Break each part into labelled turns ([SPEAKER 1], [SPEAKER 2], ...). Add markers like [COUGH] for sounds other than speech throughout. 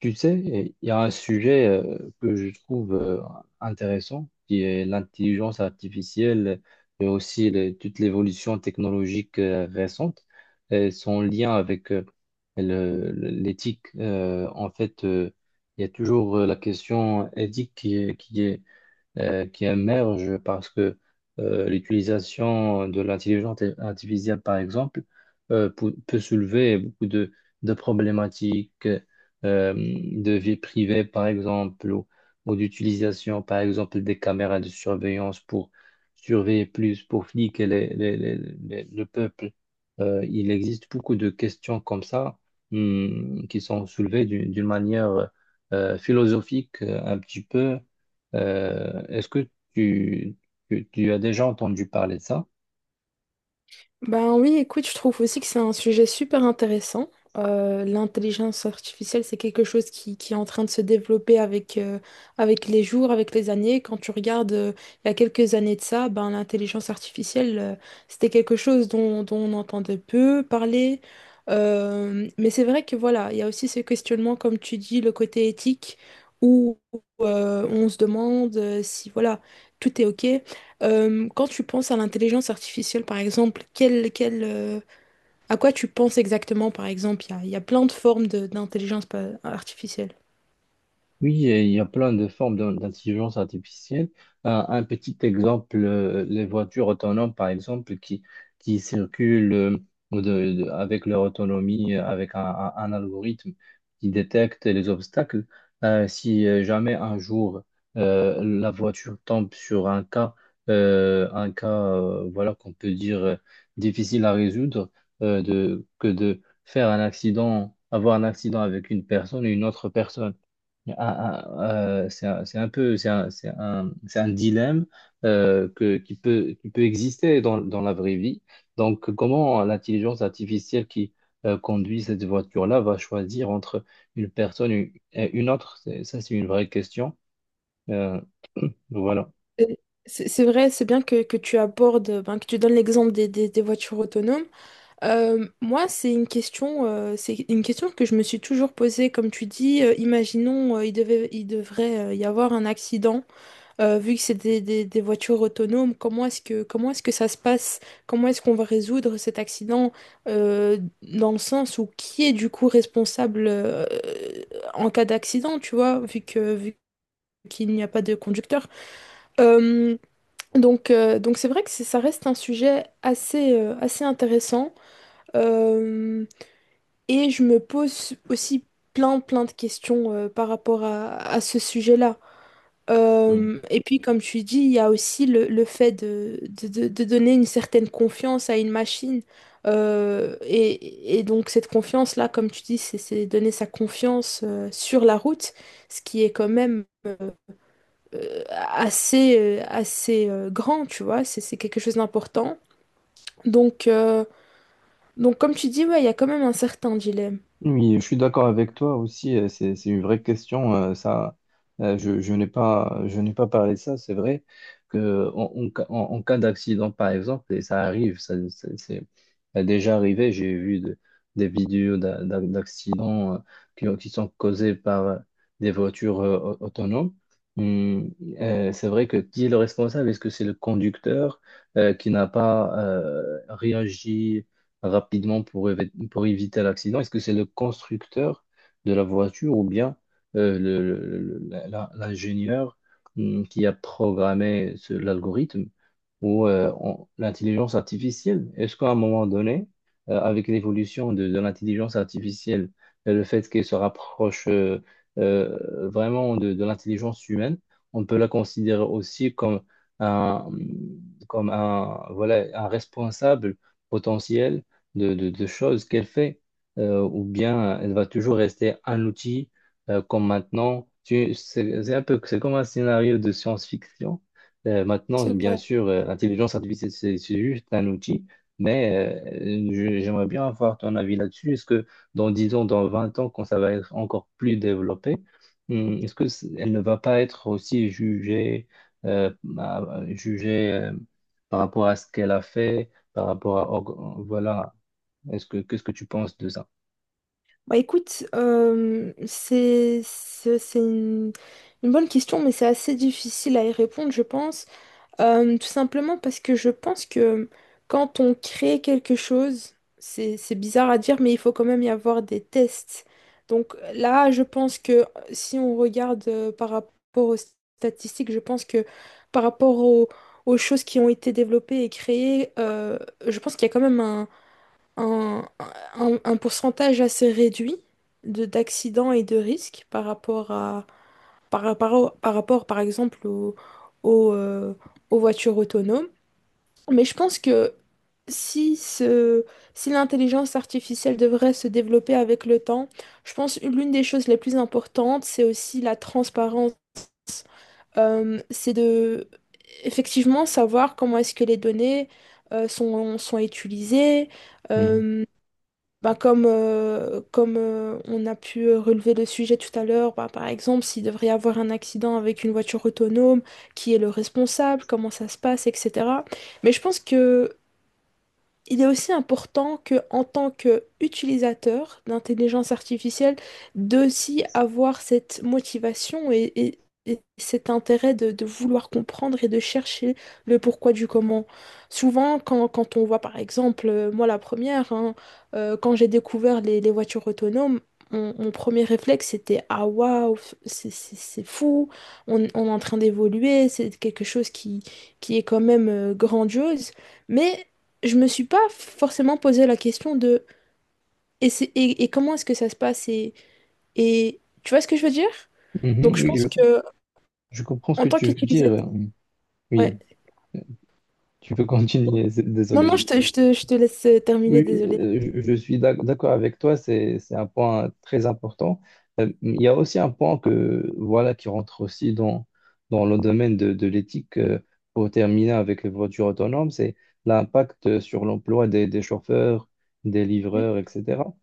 [SPEAKER 1] Tu sais, il y a un sujet que je trouve intéressant, qui est l'intelligence artificielle et aussi toute l'évolution technologique récente et son lien avec l'éthique. En fait, il y a toujours la question éthique qui émergent parce que l'utilisation de l'intelligence artificielle, par exemple, peut soulever beaucoup de problématiques de vie privée, par exemple, ou d'utilisation, par exemple, des caméras de surveillance pour surveiller plus, pour fliquer le peuple. Il existe beaucoup de questions comme ça, qui sont soulevées d'une manière philosophique, un petit peu. Est-ce que tu, tu as déjà entendu parler de ça?
[SPEAKER 2] Ben oui, écoute, je trouve aussi que c'est un sujet super intéressant. L'intelligence artificielle, c'est quelque chose qui est en train de se développer avec les jours, avec les années. Quand tu regardes, il y a quelques années de ça, ben, l'intelligence artificielle, c'était quelque chose dont on entendait peu parler. Mais c'est vrai que voilà, il y a aussi ce questionnement, comme tu dis, le côté éthique, où on se demande si voilà, tout est OK, quand tu penses à l'intelligence artificielle, par exemple, à quoi tu penses exactement, par exemple? Il y a plein de formes artificielle.
[SPEAKER 1] Oui, et il y a plein de formes d'intelligence artificielle. Un petit exemple, les voitures autonomes, par exemple, qui circulent de- avec leur autonomie, avec un algorithme qui détecte les obstacles. Si jamais un jour la voiture tombe sur un cas, voilà, qu'on peut dire difficile à résoudre, que de faire un accident, avoir un accident avec une personne et une autre personne. C'est c'est un peu, c'est un, c'est un dilemme qui peut exister dans la vraie vie. Donc, comment l'intelligence artificielle qui conduit cette voiture-là va choisir entre une personne et une autre? Ça, c'est une vraie question. Euh, [CLEARS THROAT] voilà.
[SPEAKER 2] Euh, c'est vrai, c'est bien que tu abordes, ben, que tu donnes l'exemple des voitures autonomes. Moi, c'est une question que je me suis toujours posée. Comme tu dis, imaginons, il devrait y avoir un accident. Vu que c'est des voitures autonomes, comment est-ce que ça se passe? Comment est-ce qu'on va résoudre cet accident, dans le sens où qui est du coup responsable en cas d'accident, tu vois, vu qu'il n'y a pas de conducteur. Euh, donc c'est vrai que ça reste un sujet assez intéressant. Euh, et je me pose aussi plein de questions par rapport à ce sujet-là. Et puis, comme tu dis, il y a aussi le fait de donner une certaine confiance à une machine. Et donc, cette confiance-là, comme tu dis, c'est donner sa confiance sur la route, ce qui est quand même assez grand, tu vois, c'est quelque chose d'important. Donc, euh, donc, comme tu dis, ouais, il y a quand même un certain dilemme.
[SPEAKER 1] Oui, je suis d'accord avec toi aussi. C'est une vraie question. Je n'ai pas parlé de ça. C'est vrai que en cas d'accident, par exemple, et ça arrive, ça, ça a déjà arrivé. J'ai vu des vidéos d'accidents, qui sont causés par des voitures autonomes. Hum. C'est vrai que qui est le responsable? Est-ce que c'est le conducteur qui n'a pas réagi rapidement pour pour éviter l'accident? Est-ce que c'est le constructeur de la voiture ou bien l'ingénieur, qui a programmé l'algorithme ou l'intelligence artificielle? Est-ce qu'à un moment donné, avec l'évolution de l'intelligence artificielle et le fait qu'elle se rapproche vraiment de l'intelligence humaine, on peut la considérer aussi un, comme un, voilà, un responsable potentiel de choses qu'elle fait, ou bien elle va toujours rester un outil comme maintenant. C'est comme un scénario de science-fiction. Maintenant,
[SPEAKER 2] C'est
[SPEAKER 1] bien
[SPEAKER 2] vrai.
[SPEAKER 1] sûr, l'intelligence artificielle, c'est juste un outil, mais j'aimerais bien avoir ton avis là-dessus. Est-ce que dans 10 ans, dans 20 ans, quand ça va être encore plus développé, est-ce que elle ne va pas être aussi jugée, bah, jugée, par rapport à ce qu'elle a fait? Par rapport à voilà. est-ce que Qu'est-ce que tu penses de ça?
[SPEAKER 2] Bah écoute, c'est une bonne question, mais c'est assez difficile à y répondre, je pense. Tout simplement parce que je pense que quand on crée quelque chose, c'est bizarre à dire, mais il faut quand même y avoir des tests. Donc là, je pense que si on regarde par rapport aux statistiques, je pense que par rapport aux choses qui ont été développées et créées, je pense qu'il y a quand même un, un pourcentage assez réduit de d'accidents et de risques par rapport à par rapport par exemple au, euh, aux voitures autonomes. Mais je pense que si ce, si l'intelligence artificielle devrait se développer avec le temps, je pense que l'une des choses les plus importantes, c'est aussi la transparence. C'est de effectivement savoir comment est-ce que les données sont utilisées.
[SPEAKER 1] Mhm.
[SPEAKER 2] Euh, bah, comme on a pu relever le sujet tout à l'heure, bah, par exemple, s'il devrait y avoir un accident avec une voiture autonome, qui est le responsable, comment ça se passe, etc. Mais je pense que il est aussi important que, en tant qu'utilisateur d'intelligence artificielle, d'aussi avoir cette motivation et cet intérêt de vouloir comprendre et de chercher le pourquoi du comment. Souvent, quand on voit, par exemple, moi la première, hein, quand j'ai découvert les voitures autonomes, mon premier réflexe, c'était ah waouh, c'est fou, on est en train d'évoluer, c'est quelque chose qui est quand même grandiose. Mais je me suis pas forcément posé la question de et, et comment est-ce que ça se passe et tu vois ce que je veux dire?
[SPEAKER 1] Mhm,
[SPEAKER 2] Donc je
[SPEAKER 1] oui,
[SPEAKER 2] pense que
[SPEAKER 1] je comprends ce
[SPEAKER 2] en
[SPEAKER 1] que
[SPEAKER 2] tant
[SPEAKER 1] tu veux
[SPEAKER 2] qu'utilisateur,
[SPEAKER 1] dire.
[SPEAKER 2] ouais.
[SPEAKER 1] Oui, tu peux continuer. [LAUGHS]
[SPEAKER 2] Non,
[SPEAKER 1] Désolé,
[SPEAKER 2] non,
[SPEAKER 1] je.
[SPEAKER 2] je te laisse terminer,
[SPEAKER 1] Oui,
[SPEAKER 2] désolé.
[SPEAKER 1] je suis d'accord avec toi, c'est un point très important. Il y a aussi un point que, voilà, qui rentre aussi dans le domaine de l'éthique, pour terminer avec les voitures autonomes, c'est l'impact sur l'emploi des chauffeurs, des
[SPEAKER 2] Oui.
[SPEAKER 1] livreurs, etc.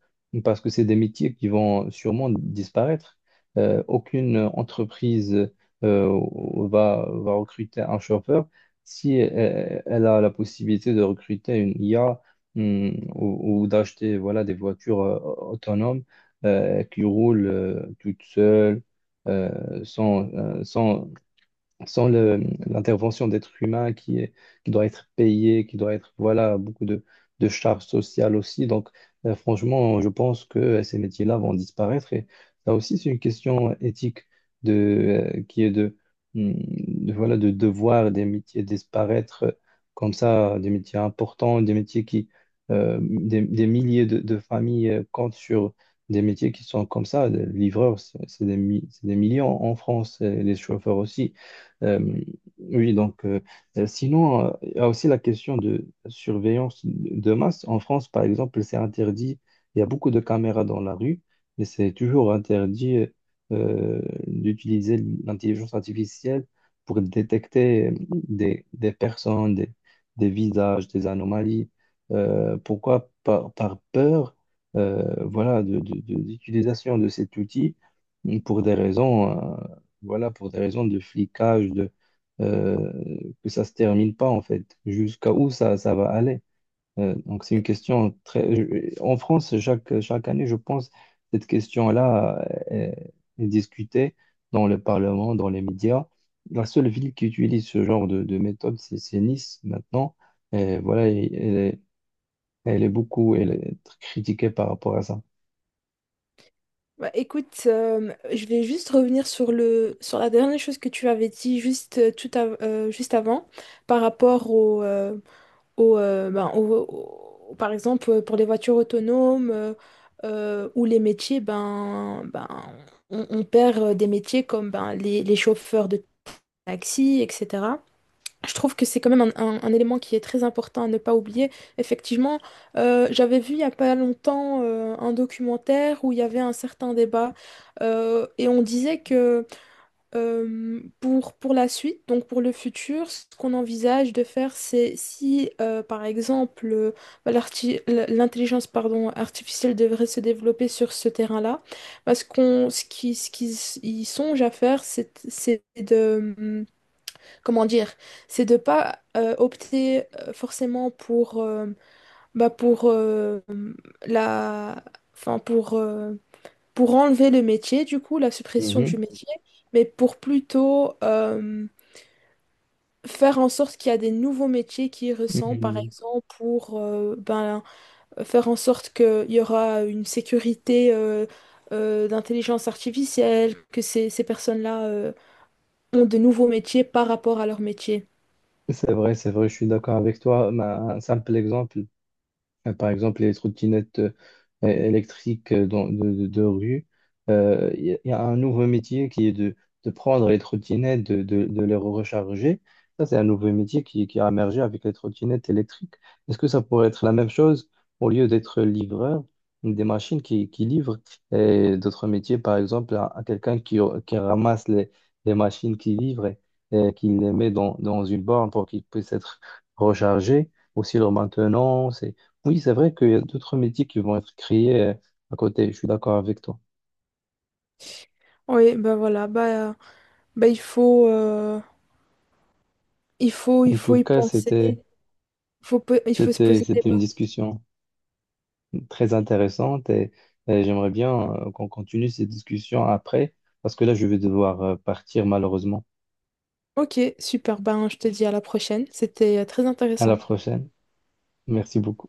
[SPEAKER 1] Parce que c'est des métiers qui vont sûrement disparaître. Aucune entreprise euh, va recruter un chauffeur si elle a la possibilité de recruter une IA, ou d'acheter, voilà, des voitures autonomes, qui roulent toutes seules, euh, sans, euh, sans, sans l'intervention d'êtres humains qui doit être payé, qui doit être, voilà, beaucoup de charges sociales aussi. Donc, franchement, je pense que ces métiers-là vont disparaître. Et ça aussi, c'est une question éthique de, qui est de voir des métiers disparaître, comme ça, des métiers importants, des milliers de familles comptent sur des métiers qui sont comme ça. Les livreurs, c'est des millions en France, et les chauffeurs aussi. Euh, oui, donc. Sinon, il y a aussi la question de surveillance de masse. En France, par exemple, c'est interdit. Il y a beaucoup de caméras dans la rue, mais c'est toujours interdit euh, d'utiliser l'intelligence artificielle pour détecter des personnes, des visages, des anomalies. Pourquoi? Par peur, voilà, d'utilisation de cet outil pour des raisons. Voilà, pour des raisons de flicage, que ça se termine pas, en fait. Jusqu'à où ça va aller? Donc, c'est une question très. En France, chaque année, je pense, cette question-là est, discutée dans le Parlement, dans les médias. La seule ville qui utilise ce genre de méthode, c'est Nice, maintenant. Et voilà, elle est très critiquée par rapport à ça.
[SPEAKER 2] Bah, écoute, je vais juste revenir sur sur la dernière chose que tu avais dit juste, juste avant par rapport au, ben, par exemple, pour les voitures autonomes ou les métiers, ben, on perd des métiers comme ben, les chauffeurs de taxi, etc. Je trouve que c'est quand même un, un élément qui est très important à ne pas oublier. Effectivement, j'avais vu il n'y a pas longtemps un documentaire où il y avait un certain débat et on disait que pour la suite, donc pour le futur, ce qu'on envisage de faire, c'est si, par exemple, bah, l'intelligence pardon, artificielle devrait se développer sur ce terrain-là, bah, ce qu'ils y songent à faire, c'est de, comment dire, c'est de pas opter forcément pour, bah, pour la, enfin pour enlever le métier, du coup, la suppression du
[SPEAKER 1] Mhm.
[SPEAKER 2] métier, mais pour plutôt faire en sorte qu'il y a des nouveaux métiers qui y ressemblent, par
[SPEAKER 1] Mhm.
[SPEAKER 2] exemple, pour ben, faire en sorte qu'il y aura une sécurité d'intelligence artificielle, que ces personnes-là ont de nouveaux métiers par rapport à leur métier.
[SPEAKER 1] C'est vrai, je suis d'accord avec toi. Un simple exemple. Par exemple, les trottinettes électriques de rue. Il y a il y a un nouveau métier qui est de prendre les trottinettes, de les recharger. Ça, c'est un nouveau métier qui a émergé avec les trottinettes électriques. Est-ce que ça pourrait être la même chose au lieu d'être livreur, des machines qui livrent et d'autres métiers, par exemple, à quelqu'un qui ramasse les machines qui livrent et qui les met dans une borne pour qu'ils puissent être rechargés, aussi leur maintenance. Oui, c'est vrai qu'il y a d'autres métiers qui vont être créés, à côté. Je suis d'accord avec toi.
[SPEAKER 2] Oui, ben voilà, ben, ben il faut, il
[SPEAKER 1] En
[SPEAKER 2] faut
[SPEAKER 1] tout
[SPEAKER 2] y
[SPEAKER 1] cas,
[SPEAKER 2] penser. Il faut se poser des...
[SPEAKER 1] c'était une discussion très intéressante et j'aimerais bien qu'on continue cette discussion après parce que là, je vais devoir partir malheureusement.
[SPEAKER 2] Ok, super, ben je te dis à la prochaine. C'était très
[SPEAKER 1] À la
[SPEAKER 2] intéressant.
[SPEAKER 1] prochaine. Merci beaucoup.